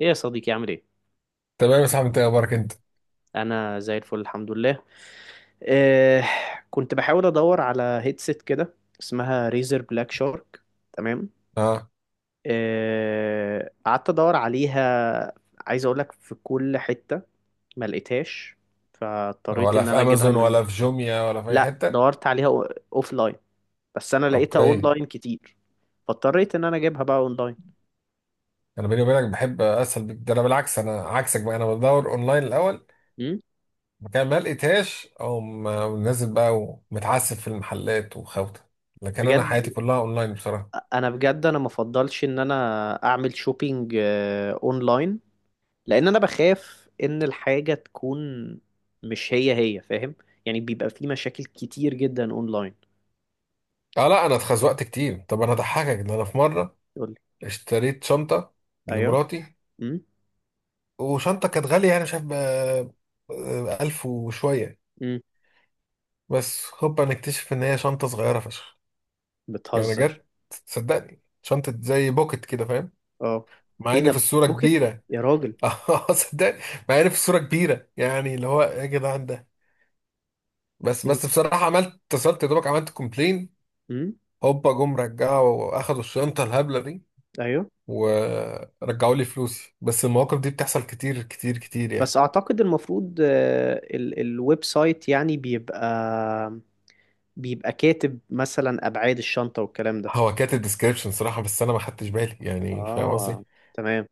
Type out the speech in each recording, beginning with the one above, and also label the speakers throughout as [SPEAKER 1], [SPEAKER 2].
[SPEAKER 1] ايه يا صديقي، عامل ايه؟
[SPEAKER 2] تمام يا صاحبي، انت إيه اخبارك انت؟
[SPEAKER 1] انا زي الفل، الحمد لله. إيه؟ كنت بحاول ادور على هيدسيت كده، اسمها ريزر بلاك شارك. تمام.
[SPEAKER 2] اه.
[SPEAKER 1] إيه، قعدت ادور عليها، عايز اقول لك في كل حتة، ما لقيتهاش، فاضطريت
[SPEAKER 2] ولا
[SPEAKER 1] ان
[SPEAKER 2] في
[SPEAKER 1] انا اجيبها
[SPEAKER 2] امازون
[SPEAKER 1] من...
[SPEAKER 2] ولا في جوميا ولا في اي
[SPEAKER 1] لا،
[SPEAKER 2] حته؟
[SPEAKER 1] دورت عليها اوف لاين، بس انا لقيتها
[SPEAKER 2] اوكي.
[SPEAKER 1] اونلاين كتير، فاضطريت ان انا اجيبها بقى اونلاين.
[SPEAKER 2] انا بيني وبينك بحب اسهل بك ده، انا بالعكس، انا عكسك بقى، انا بدور اونلاين الاول.
[SPEAKER 1] أمم.
[SPEAKER 2] مكان ما لقيتهاش او نازل بقى ومتعسف في المحلات وخوته، لكن انا
[SPEAKER 1] بجد،
[SPEAKER 2] حياتي كلها اونلاين بصراحه.
[SPEAKER 1] انا بجد انا مفضلش ان انا اعمل شوبينج اونلاين، لان انا بخاف ان الحاجه تكون مش هي هي، فاهم؟ يعني بيبقى في مشاكل كتير جدا اونلاين.
[SPEAKER 2] اه لا، انا اتخزوقت كتير. طب انا اضحكك ان انا في مره
[SPEAKER 1] يقول لي.
[SPEAKER 2] اشتريت شنطه
[SPEAKER 1] ايوه.
[SPEAKER 2] لمراتي،
[SPEAKER 1] امم.
[SPEAKER 2] وشنطه كانت غاليه يعني مش عارف ب- 1000 وشويه.
[SPEAKER 1] امم.
[SPEAKER 2] بس هوبا نكتشف ان هي شنطه صغيره فشخ. يعني
[SPEAKER 1] بتهزر.
[SPEAKER 2] جت، صدقني شنطة زي بوكت كده فاهم.
[SPEAKER 1] اه.
[SPEAKER 2] مع
[SPEAKER 1] ايه
[SPEAKER 2] ان في
[SPEAKER 1] ده،
[SPEAKER 2] الصورة
[SPEAKER 1] بوكيت
[SPEAKER 2] كبيرة.
[SPEAKER 1] يا راجل؟
[SPEAKER 2] اه صدقني. مع ان في الصورة كبيرة يعني اللي هو إيه يا جدعان ده. بس
[SPEAKER 1] إيه
[SPEAKER 2] بس بصراحة عملت اتصلت يا دوبك عملت كومبلين.
[SPEAKER 1] امم
[SPEAKER 2] هوبا جم رجعوا واخدوا الشنطة الهبلة دي
[SPEAKER 1] ايوه.
[SPEAKER 2] ورجعوا لي فلوسي، بس المواقف دي بتحصل كتير كتير كتير
[SPEAKER 1] بس
[SPEAKER 2] يعني.
[SPEAKER 1] اعتقد المفروض، الويب سايت يعني بيبقى كاتب مثلا ابعاد الشنطه والكلام ده.
[SPEAKER 2] هو كاتب ديسكريبشن صراحة بس انا ما خدتش بالي يعني فاهم قصدي.
[SPEAKER 1] اه. تمام.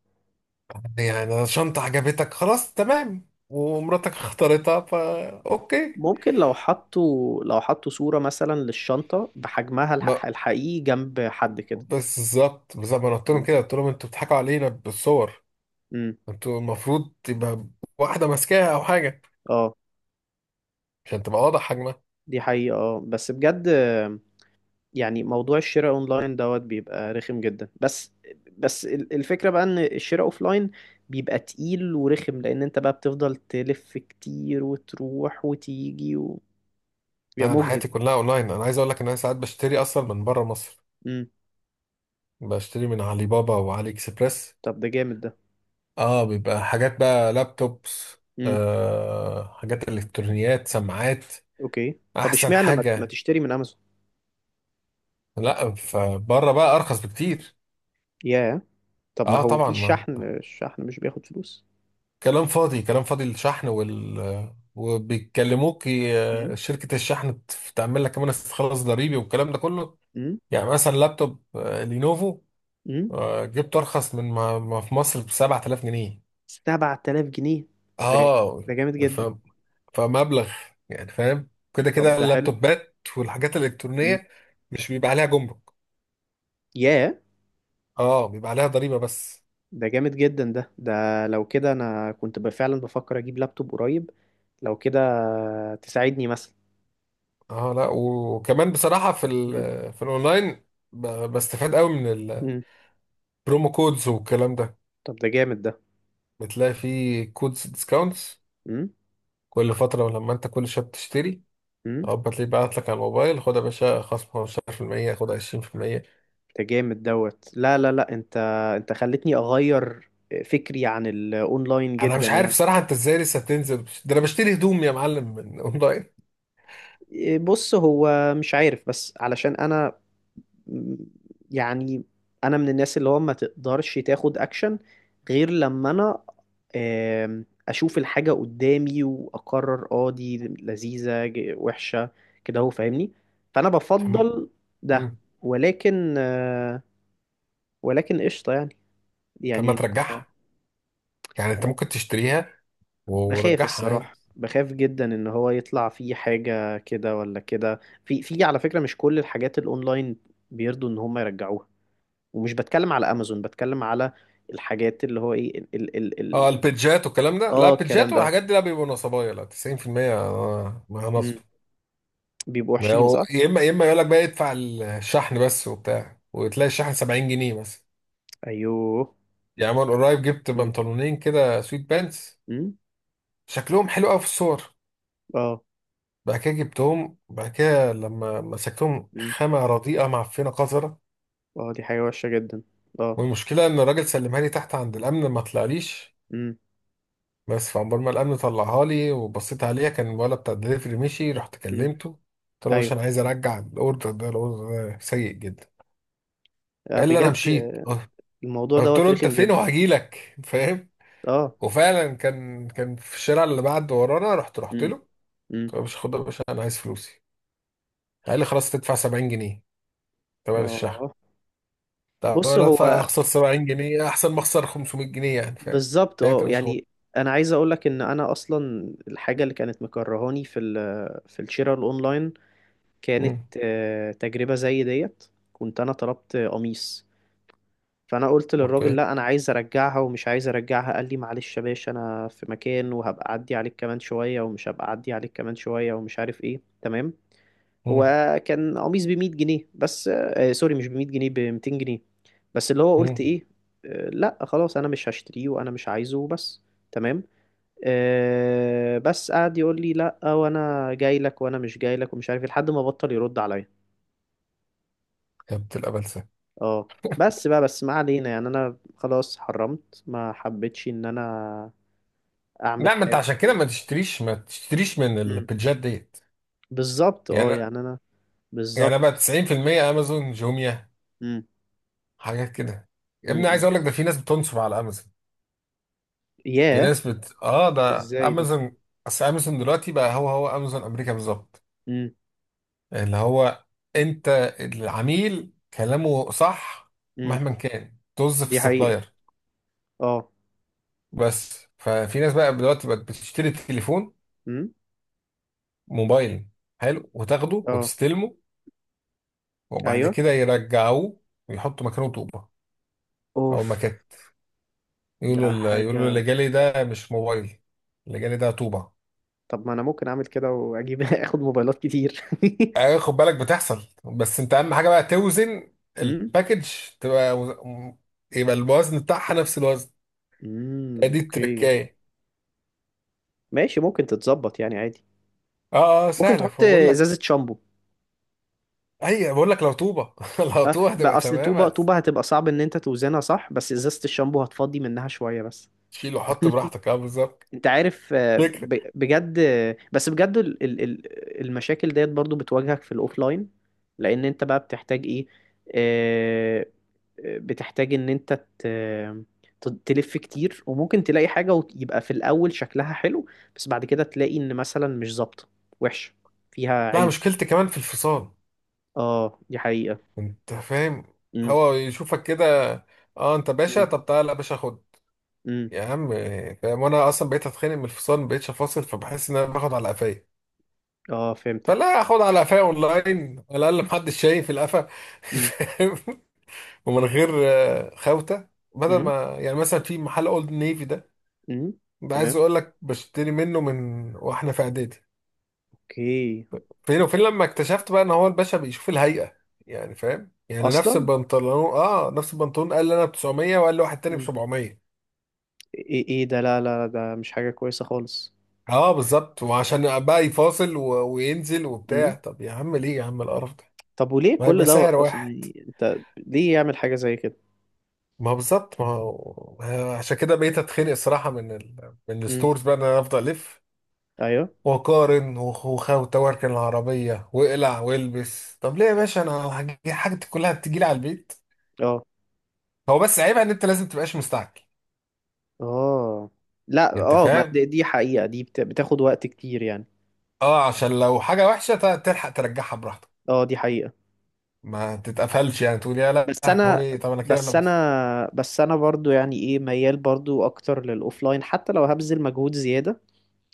[SPEAKER 2] يعني شنطة عجبتك خلاص تمام، ومراتك اختارتها فا اوكي.
[SPEAKER 1] ممكن لو حطوا صورة مثلا للشنطة بحجمها الحقيقي جنب حد كده.
[SPEAKER 2] بس بالظبط بالظبط ما انا قلت لهم
[SPEAKER 1] مم.
[SPEAKER 2] كده، قلت لهم انتوا بتضحكوا علينا بالصور.
[SPEAKER 1] مم.
[SPEAKER 2] انتوا المفروض تبقى واحده ماسكاها او حاجه
[SPEAKER 1] اه،
[SPEAKER 2] عشان تبقى واضح حجمها.
[SPEAKER 1] دي حقيقة، اه بس بجد، يعني موضوع الشراء اونلاين دوت بيبقى رخم جدا، بس بس الفكرة بقى ان الشراء اوفلاين بيبقى تقيل ورخم، لان انت بقى بتفضل تلف كتير وتروح وتيجي بيبقى
[SPEAKER 2] لا انا
[SPEAKER 1] مجهد.
[SPEAKER 2] حياتي كلها اونلاين، انا عايز اقول لك ان انا ساعات بشتري اصلا من بره مصر.
[SPEAKER 1] مم.
[SPEAKER 2] بشتري من علي بابا وعلي اكسبريس.
[SPEAKER 1] طب ده جامد ده.
[SPEAKER 2] اه بيبقى حاجات بقى لابتوبس.
[SPEAKER 1] مم.
[SPEAKER 2] حاجات الكترونيات سماعات.
[SPEAKER 1] اوكي. طب
[SPEAKER 2] احسن
[SPEAKER 1] اشمعنى ما
[SPEAKER 2] حاجه.
[SPEAKER 1] تشتري من امازون؟
[SPEAKER 2] لا فبره بقى ارخص بكتير.
[SPEAKER 1] ياه. طب ما
[SPEAKER 2] اه
[SPEAKER 1] هو
[SPEAKER 2] طبعا
[SPEAKER 1] في
[SPEAKER 2] ما.
[SPEAKER 1] شحن، مش بياخد فلوس؟
[SPEAKER 2] كلام فاضي كلام فاضي الشحن وبيكلموك
[SPEAKER 1] امم.
[SPEAKER 2] شركة الشحن تعمل لك كمان استخلاص ضريبي والكلام ده كله.
[SPEAKER 1] امم.
[SPEAKER 2] يعني مثلا لابتوب لينوفو
[SPEAKER 1] امم.
[SPEAKER 2] جبته أرخص من ما في مصر ب 7000 جنيه.
[SPEAKER 1] 7000 جنيه. ده
[SPEAKER 2] اه
[SPEAKER 1] ده جامد جدا.
[SPEAKER 2] فاهم فمبلغ. يعني فاهم كده
[SPEAKER 1] طب
[SPEAKER 2] كده
[SPEAKER 1] ده حلو.
[SPEAKER 2] اللابتوبات والحاجات
[SPEAKER 1] امم.
[SPEAKER 2] الإلكترونية مش بيبقى عليها جمرك.
[SPEAKER 1] ياه.
[SPEAKER 2] اه بيبقى عليها ضريبة بس.
[SPEAKER 1] ده جامد جدا، ده. لو كده انا كنت فعلا بفكر اجيب لابتوب قريب. لو كده تساعدني مثلا.
[SPEAKER 2] اه لا، وكمان بصراحة
[SPEAKER 1] مم.
[SPEAKER 2] في الأونلاين بستفاد قوي من
[SPEAKER 1] مم.
[SPEAKER 2] البرومو كودز والكلام ده.
[SPEAKER 1] طب ده جامد ده.
[SPEAKER 2] بتلاقي فيه كودز ديسكاونتس
[SPEAKER 1] مم.
[SPEAKER 2] كل فترة، لما انت كل شوية بتشتري
[SPEAKER 1] مم.
[SPEAKER 2] او بتلاقيه بعت لك على الموبايل خد يا باشا خصم 15% خد 20%.
[SPEAKER 1] ده جامد دوت، لا، لا، لا، انت خلتني اغير فكري عن الاونلاين
[SPEAKER 2] انا
[SPEAKER 1] جدا،
[SPEAKER 2] مش عارف
[SPEAKER 1] يعني.
[SPEAKER 2] صراحة انت ازاي لسه تنزل ده، انا بشتري هدوم يا معلم من اونلاين.
[SPEAKER 1] إيه، بص هو مش عارف، بس علشان انا، يعني انا من الناس اللي هو ما تقدرش تاخد اكشن غير لما انا اشوف الحاجة قدامي واقرر، دي لذيذة وحشة، كده، هو فاهمني. فانا
[SPEAKER 2] طب.
[SPEAKER 1] بفضل ده،
[SPEAKER 2] مم.
[SPEAKER 1] ولكن آه، ولكن قشطة،
[SPEAKER 2] طب ما
[SPEAKER 1] يعني
[SPEAKER 2] ترجعها، يعني انت ممكن تشتريها
[SPEAKER 1] بخاف
[SPEAKER 2] ورجعها عادي.
[SPEAKER 1] الصراحة، بخاف جدا ان هو يطلع فيه حاجة كده ولا كده، في في على فكرة مش كل الحاجات الاونلاين بيرضوا ان هم يرجعوها، ومش بتكلم على امازون، بتكلم على الحاجات اللي هو ايه، ال ال ال
[SPEAKER 2] اه
[SPEAKER 1] ال
[SPEAKER 2] البيدجات والكلام ده لا،
[SPEAKER 1] اه
[SPEAKER 2] البيدجات
[SPEAKER 1] الكلام ده.
[SPEAKER 2] والحاجات دي لا، بيبقوا نصبايا، لا 90% ما نصب.
[SPEAKER 1] مم. بيبقوا
[SPEAKER 2] ما
[SPEAKER 1] وحشين،
[SPEAKER 2] هو-
[SPEAKER 1] صح.
[SPEAKER 2] يا اما يقول لك بقى ادفع الشحن بس وبتاع وتلاقي الشحن 70 جنيه بس.
[SPEAKER 1] ايوه.
[SPEAKER 2] يعني من قريب جبت
[SPEAKER 1] مم.
[SPEAKER 2] بنطلونين كده سويت بانس،
[SPEAKER 1] مم.
[SPEAKER 2] شكلهم حلو قوي في الصور.
[SPEAKER 1] اه.
[SPEAKER 2] بعد كده جبتهم، بعد كده لما مسكتهم
[SPEAKER 1] مم.
[SPEAKER 2] خامة رديئة معفنة قذرة.
[SPEAKER 1] اه، دي حاجة وحشة جدا. اه.
[SPEAKER 2] والمشكلة إن الراجل سلمها لي تحت عند الأمن ما طلعليش.
[SPEAKER 1] مم.
[SPEAKER 2] بس فعمال ما الأمن طلعها لي وبصيت عليها كان الولد بتاع الدليفري مشي، رحت
[SPEAKER 1] مم.
[SPEAKER 2] كلمته، قلت له يا باشا
[SPEAKER 1] ايوه.
[SPEAKER 2] أنا عايز أرجع الأوردر ده، الأوردر ده سيء جدا.
[SPEAKER 1] آه،
[SPEAKER 2] قال لي أنا
[SPEAKER 1] بجد.
[SPEAKER 2] مشيت.
[SPEAKER 1] الموضوع
[SPEAKER 2] قلت
[SPEAKER 1] دوت
[SPEAKER 2] له أنت
[SPEAKER 1] رخم
[SPEAKER 2] فين
[SPEAKER 1] جدا.
[SPEAKER 2] وهجيلك فاهم.
[SPEAKER 1] اه.
[SPEAKER 2] وفعلا كان في الشارع اللي بعد ورانا، رحت
[SPEAKER 1] مم.
[SPEAKER 2] له.
[SPEAKER 1] مم.
[SPEAKER 2] مش خد يا باشا انا عايز فلوسي. قال لي خلاص تدفع 70 جنيه تمن الشحن.
[SPEAKER 1] اه.
[SPEAKER 2] طب
[SPEAKER 1] بص
[SPEAKER 2] انا ادفع
[SPEAKER 1] هو
[SPEAKER 2] اخسر 70 جنيه احسن ما اخسر 500 جنيه يعني فاهم.
[SPEAKER 1] بالظبط،
[SPEAKER 2] هات يا باشا خد.
[SPEAKER 1] يعني انا عايز اقول لك ان انا اصلا الحاجه اللي كانت مكرهاني في الشراء الاونلاين كانت
[SPEAKER 2] مم.
[SPEAKER 1] تجربة زي ديت. كنت أنا طلبت قميص، فأنا قلت للراجل:
[SPEAKER 2] اوكي.
[SPEAKER 1] لا، أنا عايز أرجعها ومش عايز أرجعها. قال لي: معلش يا باشا، أنا في مكان وهبقى أعدي عليك كمان شوية، ومش هبقى أعدي عليك كمان شوية، ومش عارف إيه، تمام. هو
[SPEAKER 2] مم.
[SPEAKER 1] كان قميص بمية جنيه بس، آه سوري، مش بمية جنيه، بمتين جنيه، بس اللي هو قلت
[SPEAKER 2] مم.
[SPEAKER 1] إيه: آه لا خلاص، أنا مش هشتريه وأنا مش عايزه، بس. تمام. آه، بس قعد يقول لي: لا وانا جاي لك وانا مش جاي لك، ومش عارف إيه، لحد ما بطل يرد عليا.
[SPEAKER 2] يا بنت الابلسه.
[SPEAKER 1] اه بس بقى، بس ما علينا، يعني انا خلاص حرمت، ما حبيتش ان انا اعمل
[SPEAKER 2] لا، ما انت
[SPEAKER 1] حاجه
[SPEAKER 2] عشان كده ما
[SPEAKER 1] خالص.
[SPEAKER 2] تشتريش ما تشتريش من
[SPEAKER 1] امم.
[SPEAKER 2] البيجات ديت.
[SPEAKER 1] بالظبط،
[SPEAKER 2] يعني،
[SPEAKER 1] يعني انا.
[SPEAKER 2] يعني بقى
[SPEAKER 1] بالظبط.
[SPEAKER 2] 90% امازون جوميا
[SPEAKER 1] امم.
[SPEAKER 2] حاجات كده. يا ابني عايز
[SPEAKER 1] امم.
[SPEAKER 2] اقول لك ده في ناس بتنصب على امازون. في
[SPEAKER 1] ياه.
[SPEAKER 2] ناس بت اه ده
[SPEAKER 1] ازاي ده؟
[SPEAKER 2] امازون. اصل امازون دلوقتي بقى هو هو امازون امريكا بالظبط.
[SPEAKER 1] امم.
[SPEAKER 2] اللي هو انت العميل كلامه صح
[SPEAKER 1] امم.
[SPEAKER 2] مهما كان، طز في
[SPEAKER 1] دي حقيقه.
[SPEAKER 2] السبلاير.
[SPEAKER 1] اه.
[SPEAKER 2] بس ففي ناس بقى دلوقتي بقت بتشتري تليفون
[SPEAKER 1] امم.
[SPEAKER 2] موبايل حلو وتاخده
[SPEAKER 1] اه.
[SPEAKER 2] وتستلمه، وبعد
[SPEAKER 1] ايوه.
[SPEAKER 2] كده يرجعوه ويحطوا مكانه طوبة.
[SPEAKER 1] اوف.
[SPEAKER 2] او مكان يقولوا،
[SPEAKER 1] ده
[SPEAKER 2] يقولوا اللي
[SPEAKER 1] حاجه.
[SPEAKER 2] جالي ده مش موبايل، اللي جالي ده طوبة.
[SPEAKER 1] طب ما انا ممكن اعمل كده واجيب اخد موبايلات كتير.
[SPEAKER 2] اه، خد بالك بتحصل، بس انت اهم حاجة بقى توزن
[SPEAKER 1] امم.
[SPEAKER 2] الباكج، تبقى وز- يبقى الوزن بتاعها نفس الوزن.
[SPEAKER 1] امم.
[SPEAKER 2] دي
[SPEAKER 1] اوكي.
[SPEAKER 2] التركاية.
[SPEAKER 1] ماشي، ممكن تتظبط يعني، عادي.
[SPEAKER 2] اه اه
[SPEAKER 1] ممكن
[SPEAKER 2] سهله
[SPEAKER 1] تحط
[SPEAKER 2] فبقول لك.
[SPEAKER 1] ازازه شامبو.
[SPEAKER 2] اي بقول لك لو طوبه لو طوبه هتبقى
[SPEAKER 1] بقى اصل
[SPEAKER 2] تمام.
[SPEAKER 1] طوبة طوبة هتبقى صعب ان انت توزنها صح، بس ازازة الشامبو هتفضي منها شوية، بس.
[SPEAKER 2] هتشيل وحط براحتك اه بالظبط.
[SPEAKER 1] انت عارف،
[SPEAKER 2] فكره.
[SPEAKER 1] بجد، بس بجد المشاكل ديت برضو بتواجهك في الاوفلاين، لان انت بقى بتحتاج ايه، آه، بتحتاج ان انت ت- تلف كتير، وممكن تلاقي حاجة ويبقى في الاول شكلها حلو، بس بعد كده تلاقي ان مثلا مش ظابطة، وحشة، فيها
[SPEAKER 2] لا
[SPEAKER 1] عيب.
[SPEAKER 2] مشكلتي كمان في الفصال،
[SPEAKER 1] اه، دي حقيقة.
[SPEAKER 2] انت فاهم.
[SPEAKER 1] امم.
[SPEAKER 2] هو يشوفك كده، اه انت باشا،
[SPEAKER 1] امم.
[SPEAKER 2] طب تعالى يا باشا خد
[SPEAKER 1] امم.
[SPEAKER 2] يا عم، فاهم. وانا اصلا بقيت اتخانق من الفصال، ما بقيتش افاصل، فبحس ان انا باخد على قفايا.
[SPEAKER 1] اه، فهمتك.
[SPEAKER 2] فلا اخد على قفايا اونلاين، على الاقل محدش شايف القفا
[SPEAKER 1] امم.
[SPEAKER 2] فاهم. ومن غير خوته. بدل
[SPEAKER 1] إمم.
[SPEAKER 2] ما يعني مثلا في محل اولد نيفي ده،
[SPEAKER 1] امم.
[SPEAKER 2] ده عايز
[SPEAKER 1] تمام.
[SPEAKER 2] اقول لك بشتري منه من واحنا في اعدادي.
[SPEAKER 1] اوكي.
[SPEAKER 2] فين وفين لما اكتشفت بقى ان هو الباشا بيشوف الهيئة. يعني فاهم، يعني نفس
[SPEAKER 1] اصلا.
[SPEAKER 2] البنطلون اه نفس البنطلون قال لي انا ب 900 وقال لي واحد تاني ب
[SPEAKER 1] مم.
[SPEAKER 2] 700.
[SPEAKER 1] ايه، ايه ده، لا، لا، لا، ده مش حاجة كويسة خالص.
[SPEAKER 2] اه بالظبط، وعشان بقى يفاصل و وينزل وبتاع،
[SPEAKER 1] امم.
[SPEAKER 2] طب يا عم ليه يا عم القرف ده،
[SPEAKER 1] طب وليه
[SPEAKER 2] ما
[SPEAKER 1] كل
[SPEAKER 2] هيبقى سعر
[SPEAKER 1] دوت اصلا،
[SPEAKER 2] واحد.
[SPEAKER 1] يعني انت ليه يعمل حاجة زي كده؟
[SPEAKER 2] ما هو بالظبط، ما هو عشان كده بقيت اتخنق الصراحة من ال من
[SPEAKER 1] امم.
[SPEAKER 2] الستورز بقى ان انا افضل الف
[SPEAKER 1] ايوه.
[SPEAKER 2] وقارن وتواركن العربية واقلع والبس. طب ليه يا باشا انا حاجتي كلها بتجيلي على البيت.
[SPEAKER 1] اه.
[SPEAKER 2] هو بس عيبها ان انت لازم تبقاش مستعجل،
[SPEAKER 1] اه. لا
[SPEAKER 2] انت
[SPEAKER 1] اه، ما
[SPEAKER 2] فاهم.
[SPEAKER 1] دي حقيقة، دي بتاخد وقت كتير، يعني.
[SPEAKER 2] اه عشان لو حاجة وحشة تلحق ترجعها براحتك.
[SPEAKER 1] اه، دي حقيقة.
[SPEAKER 2] ما تتقفلش يعني تقول يا
[SPEAKER 1] بس انا
[SPEAKER 2] لهوي طب انا كده
[SPEAKER 1] بس
[SPEAKER 2] لابس.
[SPEAKER 1] انا بس انا برضو، يعني ايه، ميال برضو اكتر للاوفلاين حتى لو هبذل مجهود زيادة،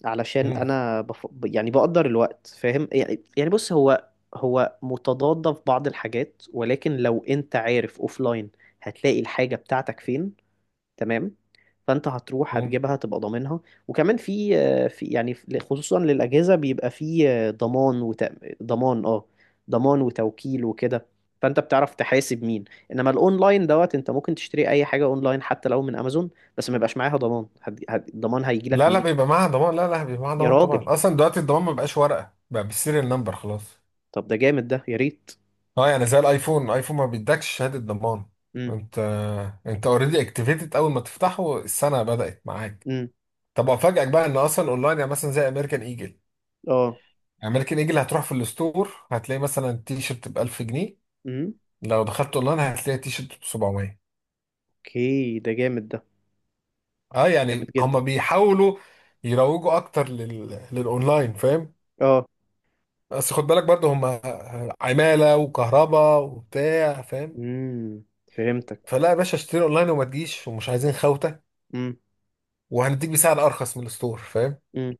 [SPEAKER 1] علشان
[SPEAKER 2] مم.
[SPEAKER 1] انا يعني بقدر الوقت، فاهم يعني بص، هو هو متضاد في بعض الحاجات، ولكن لو انت عارف اوفلاين هتلاقي الحاجة بتاعتك فين، تمام، فانت هتروح
[SPEAKER 2] مم.
[SPEAKER 1] هتجيبها، تبقى ضامنها. وكمان في خصوصا للأجهزة، بيبقى في ضمان ضمان، اه، ضمان وتوكيل وكده، فانت بتعرف تحاسب مين. انما الاونلاين دوت، انت ممكن تشتري اي حاجة اونلاين حتى لو من امازون، بس ما يبقاش معاها ضمان، الضمان هيجي لك
[SPEAKER 2] لا لا
[SPEAKER 1] منين؟
[SPEAKER 2] بيبقى معاها ضمان، لا لا بيبقى معاها
[SPEAKER 1] يا
[SPEAKER 2] ضمان طبعا.
[SPEAKER 1] راجل.
[SPEAKER 2] اصلا دلوقتي الضمان ما بقاش ورقة، بقى بالسيريال نمبر خلاص.
[SPEAKER 1] طب ده جامد ده، يا ريت.
[SPEAKER 2] اه يعني زي الايفون ما بيدكش شهادة ضمان.
[SPEAKER 1] امم.
[SPEAKER 2] انت انت اوريدي اكتيفيتد اول ما تفتحه السنة بدأت معاك.
[SPEAKER 1] امم.
[SPEAKER 2] طب افاجئك بقى ان اصلا اونلاين يعني مثلا زي امريكان ايجل.
[SPEAKER 1] اه.
[SPEAKER 2] امريكان ايجل هتروح في الستور هتلاقي مثلا التيشيرت ب 1000 جنيه.
[SPEAKER 1] امم.
[SPEAKER 2] لو دخلت اونلاين هتلاقي التيشيرت ب 700.
[SPEAKER 1] اوكي. ده جامد ده.
[SPEAKER 2] اه
[SPEAKER 1] جامد
[SPEAKER 2] يعني
[SPEAKER 1] جدا.
[SPEAKER 2] هم بيحاولوا يروجوا اكتر للاونلاين فاهم.
[SPEAKER 1] اه.
[SPEAKER 2] بس خد بالك برضو هم عمالة وكهرباء وبتاع فاهم.
[SPEAKER 1] امم. فهمتك.
[SPEAKER 2] فلا يا باشا اشتري اونلاين وما تجيش ومش عايزين خوته،
[SPEAKER 1] امم.
[SPEAKER 2] وهنديك بسعر ارخص من الستور فاهم.
[SPEAKER 1] امم.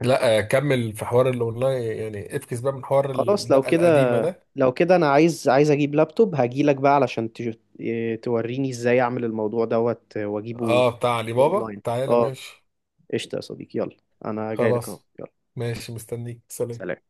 [SPEAKER 2] لا كمل في حوار الاونلاين يعني افكس بقى من حوار
[SPEAKER 1] خلاص، لو
[SPEAKER 2] الدقه
[SPEAKER 1] كده،
[SPEAKER 2] القديمه ده.
[SPEAKER 1] لو كده انا عايز، اجيب لابتوب، هجيلك بقى علشان تج- إيه، توريني ازاي اعمل الموضوع دوت واجيبه
[SPEAKER 2] اه بتاع علي بابا
[SPEAKER 1] اونلاين،
[SPEAKER 2] تعالى
[SPEAKER 1] اه.
[SPEAKER 2] ماشي.
[SPEAKER 1] قشطة يا صديقي، يلا، انا جاي لك اهو،
[SPEAKER 2] خلاص
[SPEAKER 1] يلا.
[SPEAKER 2] ماشي، مستنيك، سلام.
[SPEAKER 1] سلام.